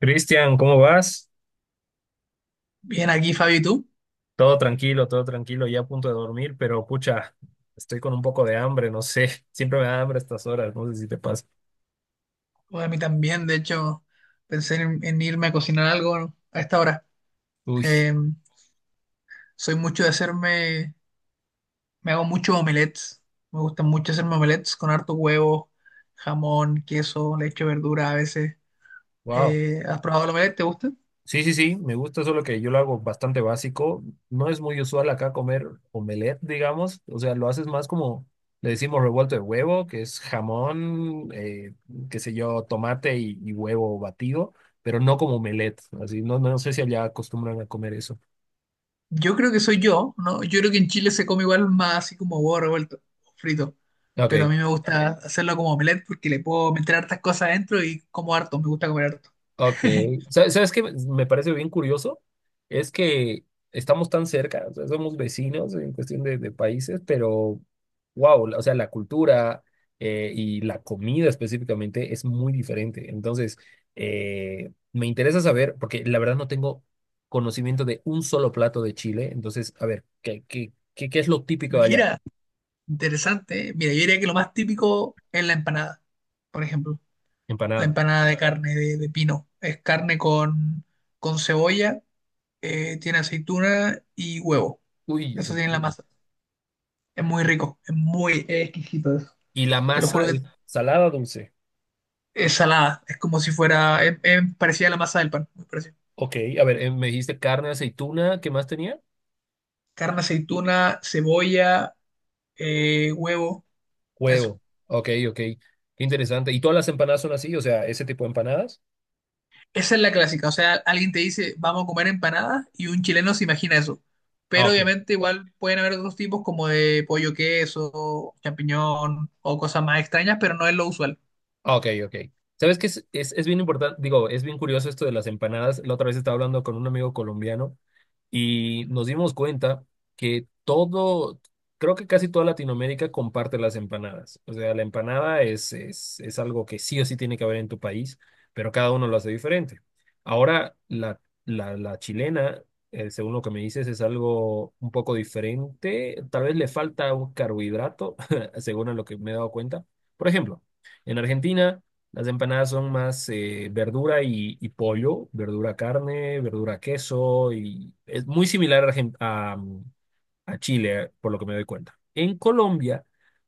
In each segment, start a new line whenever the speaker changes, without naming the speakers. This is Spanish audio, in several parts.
Cristian, ¿cómo vas?
Bien aquí, Fabi, ¿y tú?
Todo tranquilo, ya a punto de dormir, pero pucha, estoy con un poco de hambre, no sé, siempre me da hambre a estas horas, no sé si te pasa.
Pues a mí también, de hecho, pensé en irme a cocinar algo a esta hora.
Uy,
Eh, soy mucho de hacerme, me hago muchos omelets. Me gustan mucho hacerme omelets con harto huevo, jamón, queso, le echo verdura a veces.
wow.
¿Has probado el omelette? ¿Te gusta?
Sí, sí, sí, me gusta, solo que yo lo hago bastante básico. No es muy usual acá comer omelette, digamos. O sea, lo haces más como, le decimos revuelto de huevo, que es jamón, qué sé yo, tomate y huevo batido, pero no como omelette. Así, no, no sé si allá acostumbran a comer eso.
Yo creo que soy yo, ¿no? Yo creo que en Chile se come igual más así como huevo revuelto, frito.
Ok,
Pero a mí me gusta hacerlo como omelette porque le puedo meter hartas cosas adentro y como harto, me gusta comer harto.
ok. ¿Sabes qué me parece bien curioso? Es que estamos tan cerca, o sea, somos vecinos en cuestión de países, pero wow, o sea, la cultura y la comida específicamente es muy diferente. Entonces, me interesa saber, porque la verdad no tengo conocimiento de un solo plato de Chile. Entonces, a ver, ¿qué es lo típico de allá?
Mira, interesante, ¿eh? Mira, yo diría que lo más típico es la empanada, por ejemplo. La
Empanada.
empanada de carne de pino. Es carne con cebolla, tiene aceituna y huevo.
Uy, ya
Eso
sé.
tiene la masa. Es muy rico, es exquisito eso.
Y la
Te lo juro
masa
que
es salada, dulce.
es salada. Es como si fuera, es parecida a la masa del pan. Muy parecida.
Ok, a ver, me dijiste carne, aceituna, ¿qué más tenía?
Carne, aceituna, cebolla, huevo. Eso.
Huevo. Ok, ok. Qué interesante. ¿Y todas las empanadas son así? O sea, ese tipo de empanadas.
Esa es la clásica, o sea, alguien te dice, vamos a comer empanadas y un chileno se imagina eso.
Ah,
Pero
ok.
obviamente igual pueden haber otros tipos como de pollo queso, champiñón o cosas más extrañas, pero no es lo usual.
Ok, ok. ¿Sabes qué es bien importante? Digo, es bien curioso esto de las empanadas. La otra vez estaba hablando con un amigo colombiano y nos dimos cuenta que todo, creo que casi toda Latinoamérica comparte las empanadas. O sea, la empanada es algo que sí o sí tiene que haber en tu país, pero cada uno lo hace diferente. Ahora, la chilena, según lo que me dices, es algo un poco diferente. Tal vez le falta un carbohidrato, según a lo que me he dado cuenta. Por ejemplo. En Argentina, las empanadas son más verdura y pollo, verdura carne, verdura queso, y es muy similar a, a Chile, por lo que me doy cuenta. En Colombia,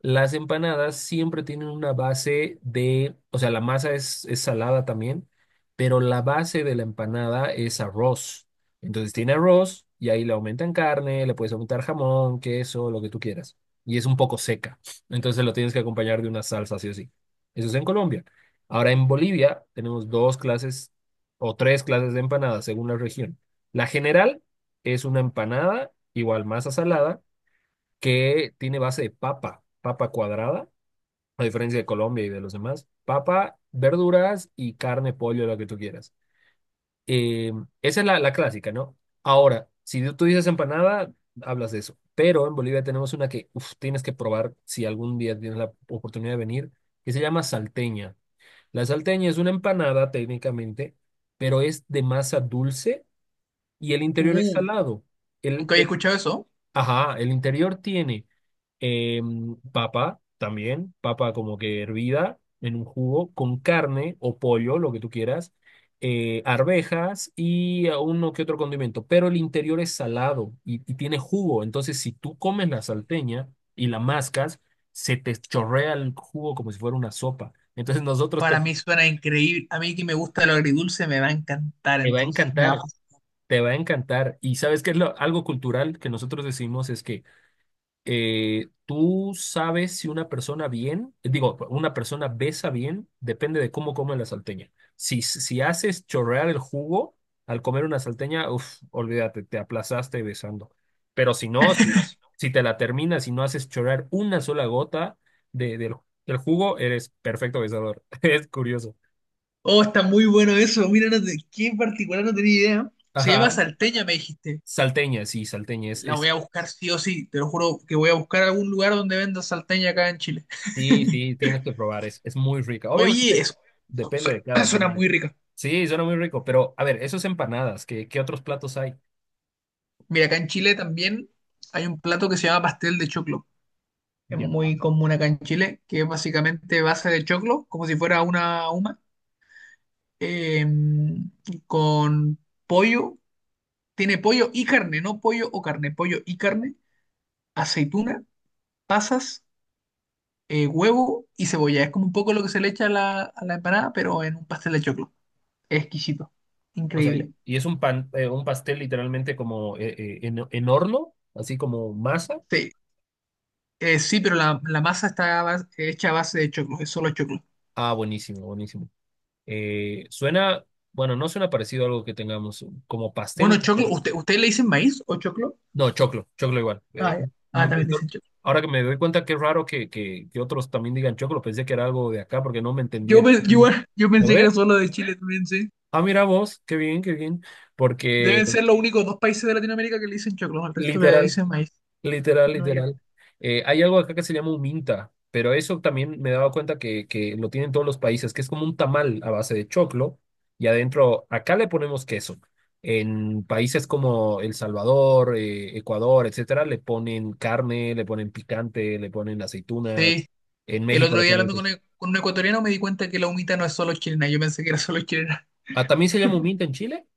las empanadas siempre tienen una base de, o sea, la masa es salada también, pero la base de la empanada es arroz. Entonces tiene arroz y ahí le aumentan carne, le puedes aumentar jamón, queso, lo que tú quieras. Y es un poco seca. Entonces lo tienes que acompañar de una salsa, sí o sí. Eso es en Colombia. Ahora en Bolivia tenemos dos clases o tres clases de empanadas según la región. La general es una empanada, igual masa salada, que tiene base de papa, papa cuadrada, a diferencia de Colombia y de los demás. Papa, verduras y carne, pollo, lo que tú quieras. Eh, esa es la, la clásica, ¿no? Ahora, si tú dices empanada, hablas de eso. Pero en Bolivia tenemos una que uf, tienes que probar si algún día tienes la oportunidad de venir, que se llama salteña. La salteña es una empanada técnicamente, pero es de masa dulce y el interior es
Uh,
salado.
nunca había escuchado eso.
Ajá, el interior tiene papa también, papa como que hervida en un jugo, con carne o pollo, lo que tú quieras, arvejas y a uno que otro condimento, pero el interior es salado y tiene jugo, entonces si tú comes la salteña y la mascas, se te chorrea el jugo como si fuera una sopa. Entonces nosotros te,
Para mí suena increíble. A mí que me gusta lo agridulce me va a encantar,
te va a
entonces me va a
encantar,
fascinar.
te va a encantar. Y sabes qué es algo cultural que nosotros decimos es que... tú sabes si una persona bien, digo, una persona besa bien, depende de cómo come la salteña. Si, si haces chorrear el jugo al comer una salteña, uff, olvídate, te aplazaste besando. Pero si no, si, si te la terminas y no haces chorrear una sola gota de, del, del jugo, eres perfecto besador. Es curioso.
Oh, está muy bueno eso. Mira, no te- qué en particular no tenía idea. Se llama
Ajá.
salteña, me dijiste.
Salteña, sí, salteña. Es
La voy
es.
a buscar sí o sí. Te lo juro que voy a buscar algún lugar donde venda salteña acá en Chile.
Sí, sí, tienes que probar, es muy rica.
Oye,
Obviamente depende
su-
de cada
suena
quien.
muy rica.
Sí, suena muy rico, pero a ver, esos empanadas, ¿qué, qué otros platos hay?
Mira, acá en Chile también hay un plato que se llama pastel de choclo. Es
Ya.
muy común acá en Chile, que es básicamente base de choclo, como si fuera una huma, eh, con pollo. Tiene pollo y carne, no pollo o carne, pollo y carne, aceituna, pasas, huevo y cebolla. Es como un poco lo que se le echa a la empanada, pero en un pastel de choclo. Es exquisito,
O sea,
increíble.
y es un pan, un pastel literalmente como en horno, así como masa.
Sí, sí, pero la masa está hecha a base de choclo, es solo choclo.
Ah, buenísimo, buenísimo. Suena, bueno, no suena parecido a algo que tengamos como
Bueno,
pastel.
choclo,
Como.
¿ustedes le dicen maíz o choclo?
No, choclo, choclo igual.
Ah, ya. Ah,
Me- me-
también le dicen choclo.
ahora que me doy cuenta que es raro que otros también digan choclo, pensé que era algo de acá porque no me
Yo,
entendían.
pe- yo, igual- yo
¿Lo
pensé que era
ve?
solo de Chile también, sí.
Ah, mira vos, qué bien, porque
Deben ser los únicos dos países de Latinoamérica que le dicen choclo, al resto le
literal,
dicen maíz. Si
literal,
No yo.
literal. Hay algo acá que se llama un minta, pero eso también me he dado cuenta que lo tienen todos los países, que es como un tamal a base de choclo y adentro, acá le ponemos queso. En países como El Salvador, Ecuador, etcétera, le ponen carne, le ponen picante, le ponen aceitunas.
Sí,
En
el
México
otro
le
día hablando
ponen...
con un ecuatoriano me di cuenta que la humita no es solo chilena, yo pensé que era solo chilena.
Ah, ¿también se llama un minta en Chile?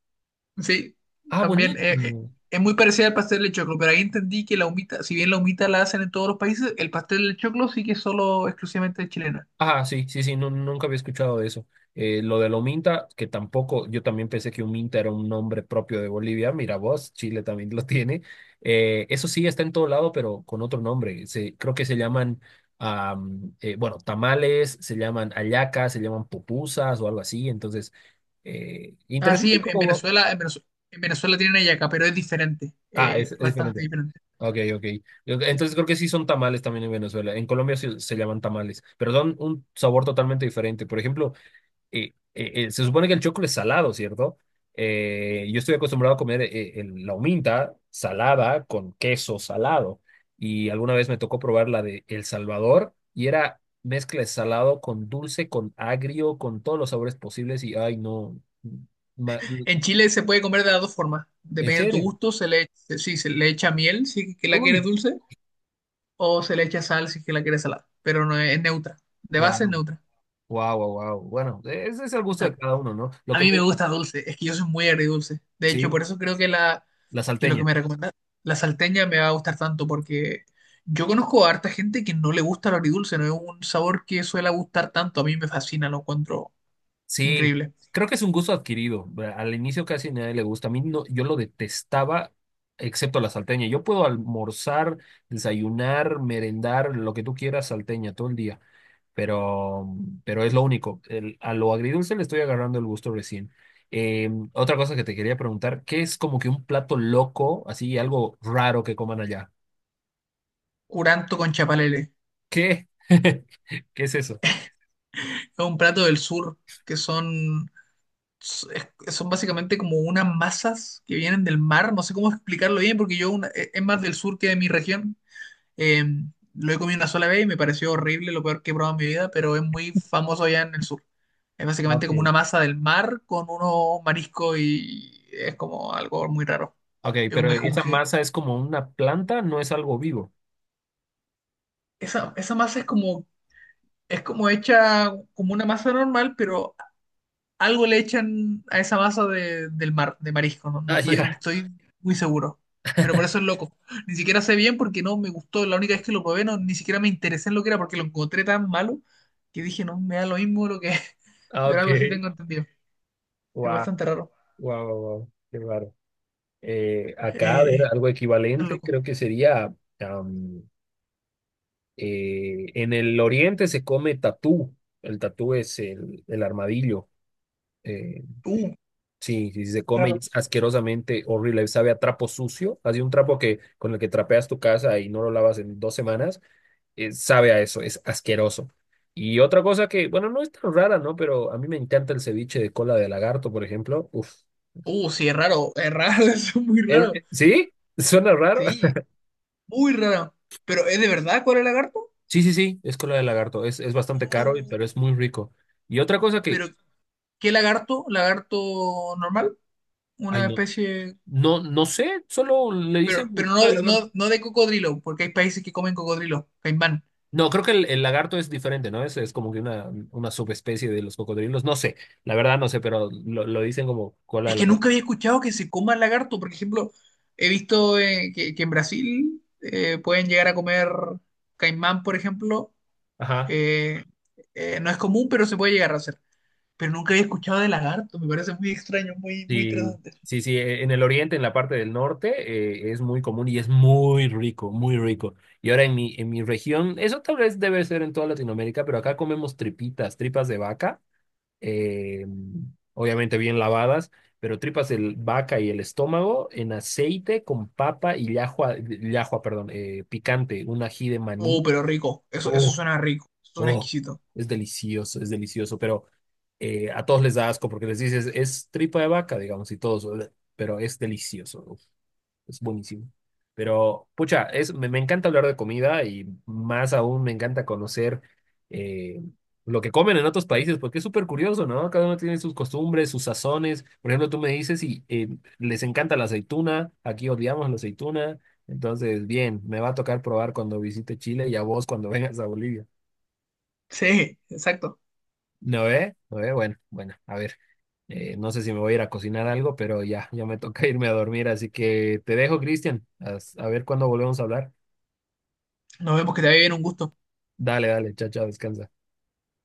Sí,
Ah,
también
buenísimo.
es muy parecida al pastel de choclo, pero ahí entendí que la humita, si bien la humita la hacen en todos los países, el pastel de choclo sí que es solo exclusivamente chilena.
Ah, sí, sí, sí, no, nunca había escuchado de eso. Lo de lo Minta que tampoco, yo también pensé que un Minta era un nombre propio de Bolivia. Mira vos, Chile también lo tiene. Eso sí, está en todo lado, pero con otro nombre. Se, creo que se llaman, bueno, tamales, se llaman hallacas, se llaman pupusas o algo así. Entonces,
Ah, sí,
interesante
en, en
cómo...
Venezuela, en Venezuela, en Venezuela tienen hallaca, pero es diferente,
Ah, es
bastante
diferente.
diferente.
Ok, ok. Entonces creo que sí son tamales también en Venezuela. En Colombia sí se llaman tamales, pero son un sabor totalmente diferente. Por ejemplo, se supone que el choclo es salado, ¿cierto? Yo estoy acostumbrado a comer la huminta salada con queso salado. Y alguna vez me tocó probar la de El Salvador y era mezcla de salado con dulce, con agrio, con todos los sabores posibles. Y ay, no. ma-
En Chile se puede comer de las dos formas,
¿en
dependiendo de tu
serio?
gusto, sí, se le echa miel si que la quieres
Uy,
dulce, o se le echa sal si que la quieres salada, pero no es, es neutra, de
wow,
base es neutra.
wow, wow, wow. Bueno, ese es el gusto
A,
de cada uno, ¿no?
a mí me gusta dulce, es que yo soy muy agridulce, de
Sí,
hecho, por eso creo que
la
que lo que
salteña.
me recomienda la salteña me va a gustar tanto, porque yo conozco a harta gente que no le gusta lo agridulce, no es un sabor que suele gustar tanto, a mí me fascina, lo encuentro
Sí,
increíble.
creo que es un gusto adquirido. Al inicio casi a nadie le gusta. A mí no, yo lo detestaba, excepto la salteña. Yo puedo almorzar, desayunar, merendar, lo que tú quieras, salteña todo el día, pero, pero es lo único. A lo agridulce le estoy agarrando el gusto recién. Otra cosa que te quería preguntar, ¿qué es como que un plato loco, así algo raro que coman allá?
Curanto con chapalele.
¿Qué? ¿Qué es eso?
Es un plato del sur que son, es- son básicamente como unas masas que vienen del mar. No sé cómo explicarlo bien porque es más del sur que de mi región. Eh, lo he comido una sola vez y me pareció horrible, lo peor que he probado en mi vida, pero es muy famoso allá en el sur. Es básicamente
Ok.
como una masa del mar con unos mariscos y es como algo muy raro.
Ok,
Es un
pero esa
mejunje.
masa es como una planta, no es algo vivo.
Esa masa es como hecha como una masa normal, pero algo le echan a esa masa del mar, de marisco,
Ah,
no
ya.
estoy muy seguro. Pero por eso es loco. Ni siquiera sé bien porque no me gustó. La única vez que lo probé, no, ni siquiera me interesé en lo que era porque lo encontré tan malo que dije, no, me da lo mismo lo que es.
Ah,
Pero
ok.
algo así tengo entendido. Es
Wow,
bastante raro.
wow, wow, qué raro. Acá, a ver,
Eh,
algo
tan
equivalente,
loco.
creo que sería, am, en el oriente se come tatú. El tatú es el armadillo. Eh,
Uh,
sí, sí, se come y
raro.
es asquerosamente horrible. Sabe a trapo sucio. Así un trapo que con el que trapeas tu casa y no lo lavas en dos semanas, sabe a eso, es asqueroso. Y otra cosa que, bueno, no es tan rara, ¿no? Pero a mí me encanta el ceviche de cola de lagarto, por ejemplo. Uf.
Sí, es raro. Es raro, eso es muy raro.
¿Sí? Suena raro.
Sí, muy raro. Pero ¿es de verdad cuál es el lagarto?
Sí, sí, sí, es cola de lagarto. Es bastante caro, y-
Uh,
pero es muy rico. Y otra cosa que,
pero ¿qué lagarto? ¿Lagarto normal?
ay,
¿Una
no,
especie?
no, no sé, solo le dicen cola de lagarto.
No de cocodrilo, porque hay países que comen cocodrilo, caimán.
No, creo que el lagarto es diferente, ¿no? Es como que una subespecie de los cocodrilos. No sé, la verdad no sé, pero lo dicen como cola de
Es que
lagarto.
nunca había escuchado que se coma lagarto. Por ejemplo, he visto que en Brasil pueden llegar a comer caimán, por ejemplo.
Ajá.
Eh, no es común, pero se puede llegar a hacer. Pero nunca había escuchado de lagarto. Me parece muy extraño, muy, muy
Sí,
interesante.
sí, sí, en el oriente, en la parte del norte, es muy común y es muy rico, muy rico. Y ahora en mi región, eso tal vez debe ser en toda Latinoamérica, pero acá comemos tripitas, tripas de vaca, eh, obviamente bien lavadas, pero tripas de vaca y el estómago en aceite con papa y llajua, llajua, perdón, picante, un ají de
Oh,
maní.
pero rico. Eso suena rico. Suena
Oh,
exquisito.
es delicioso, pero a todos les da asco porque les dices, es tripa de vaca, digamos, y todos, "Ugh", pero es delicioso, uf, es buenísimo. Pero, pucha, es, me encanta hablar de comida y más aún me encanta conocer eh, lo que comen en otros países, porque es súper curioso, ¿no? Cada uno tiene sus costumbres, sus sazones. Por ejemplo, tú me dices y les encanta la aceituna, aquí odiamos la aceituna, entonces, bien, me va a tocar probar cuando visite Chile y a vos cuando vengas a Bolivia.
Sí, exacto.
¿No eh? ¿No eh? Bueno, bueno, a ver. No sé si me voy a ir a cocinar algo, pero ya, ya me toca irme a dormir, así que te dejo, Cristian. A ver cuándo volvemos a hablar.
Nos vemos, que te vaya bien, un gusto.
Dale, dale, chao, chao, descansa.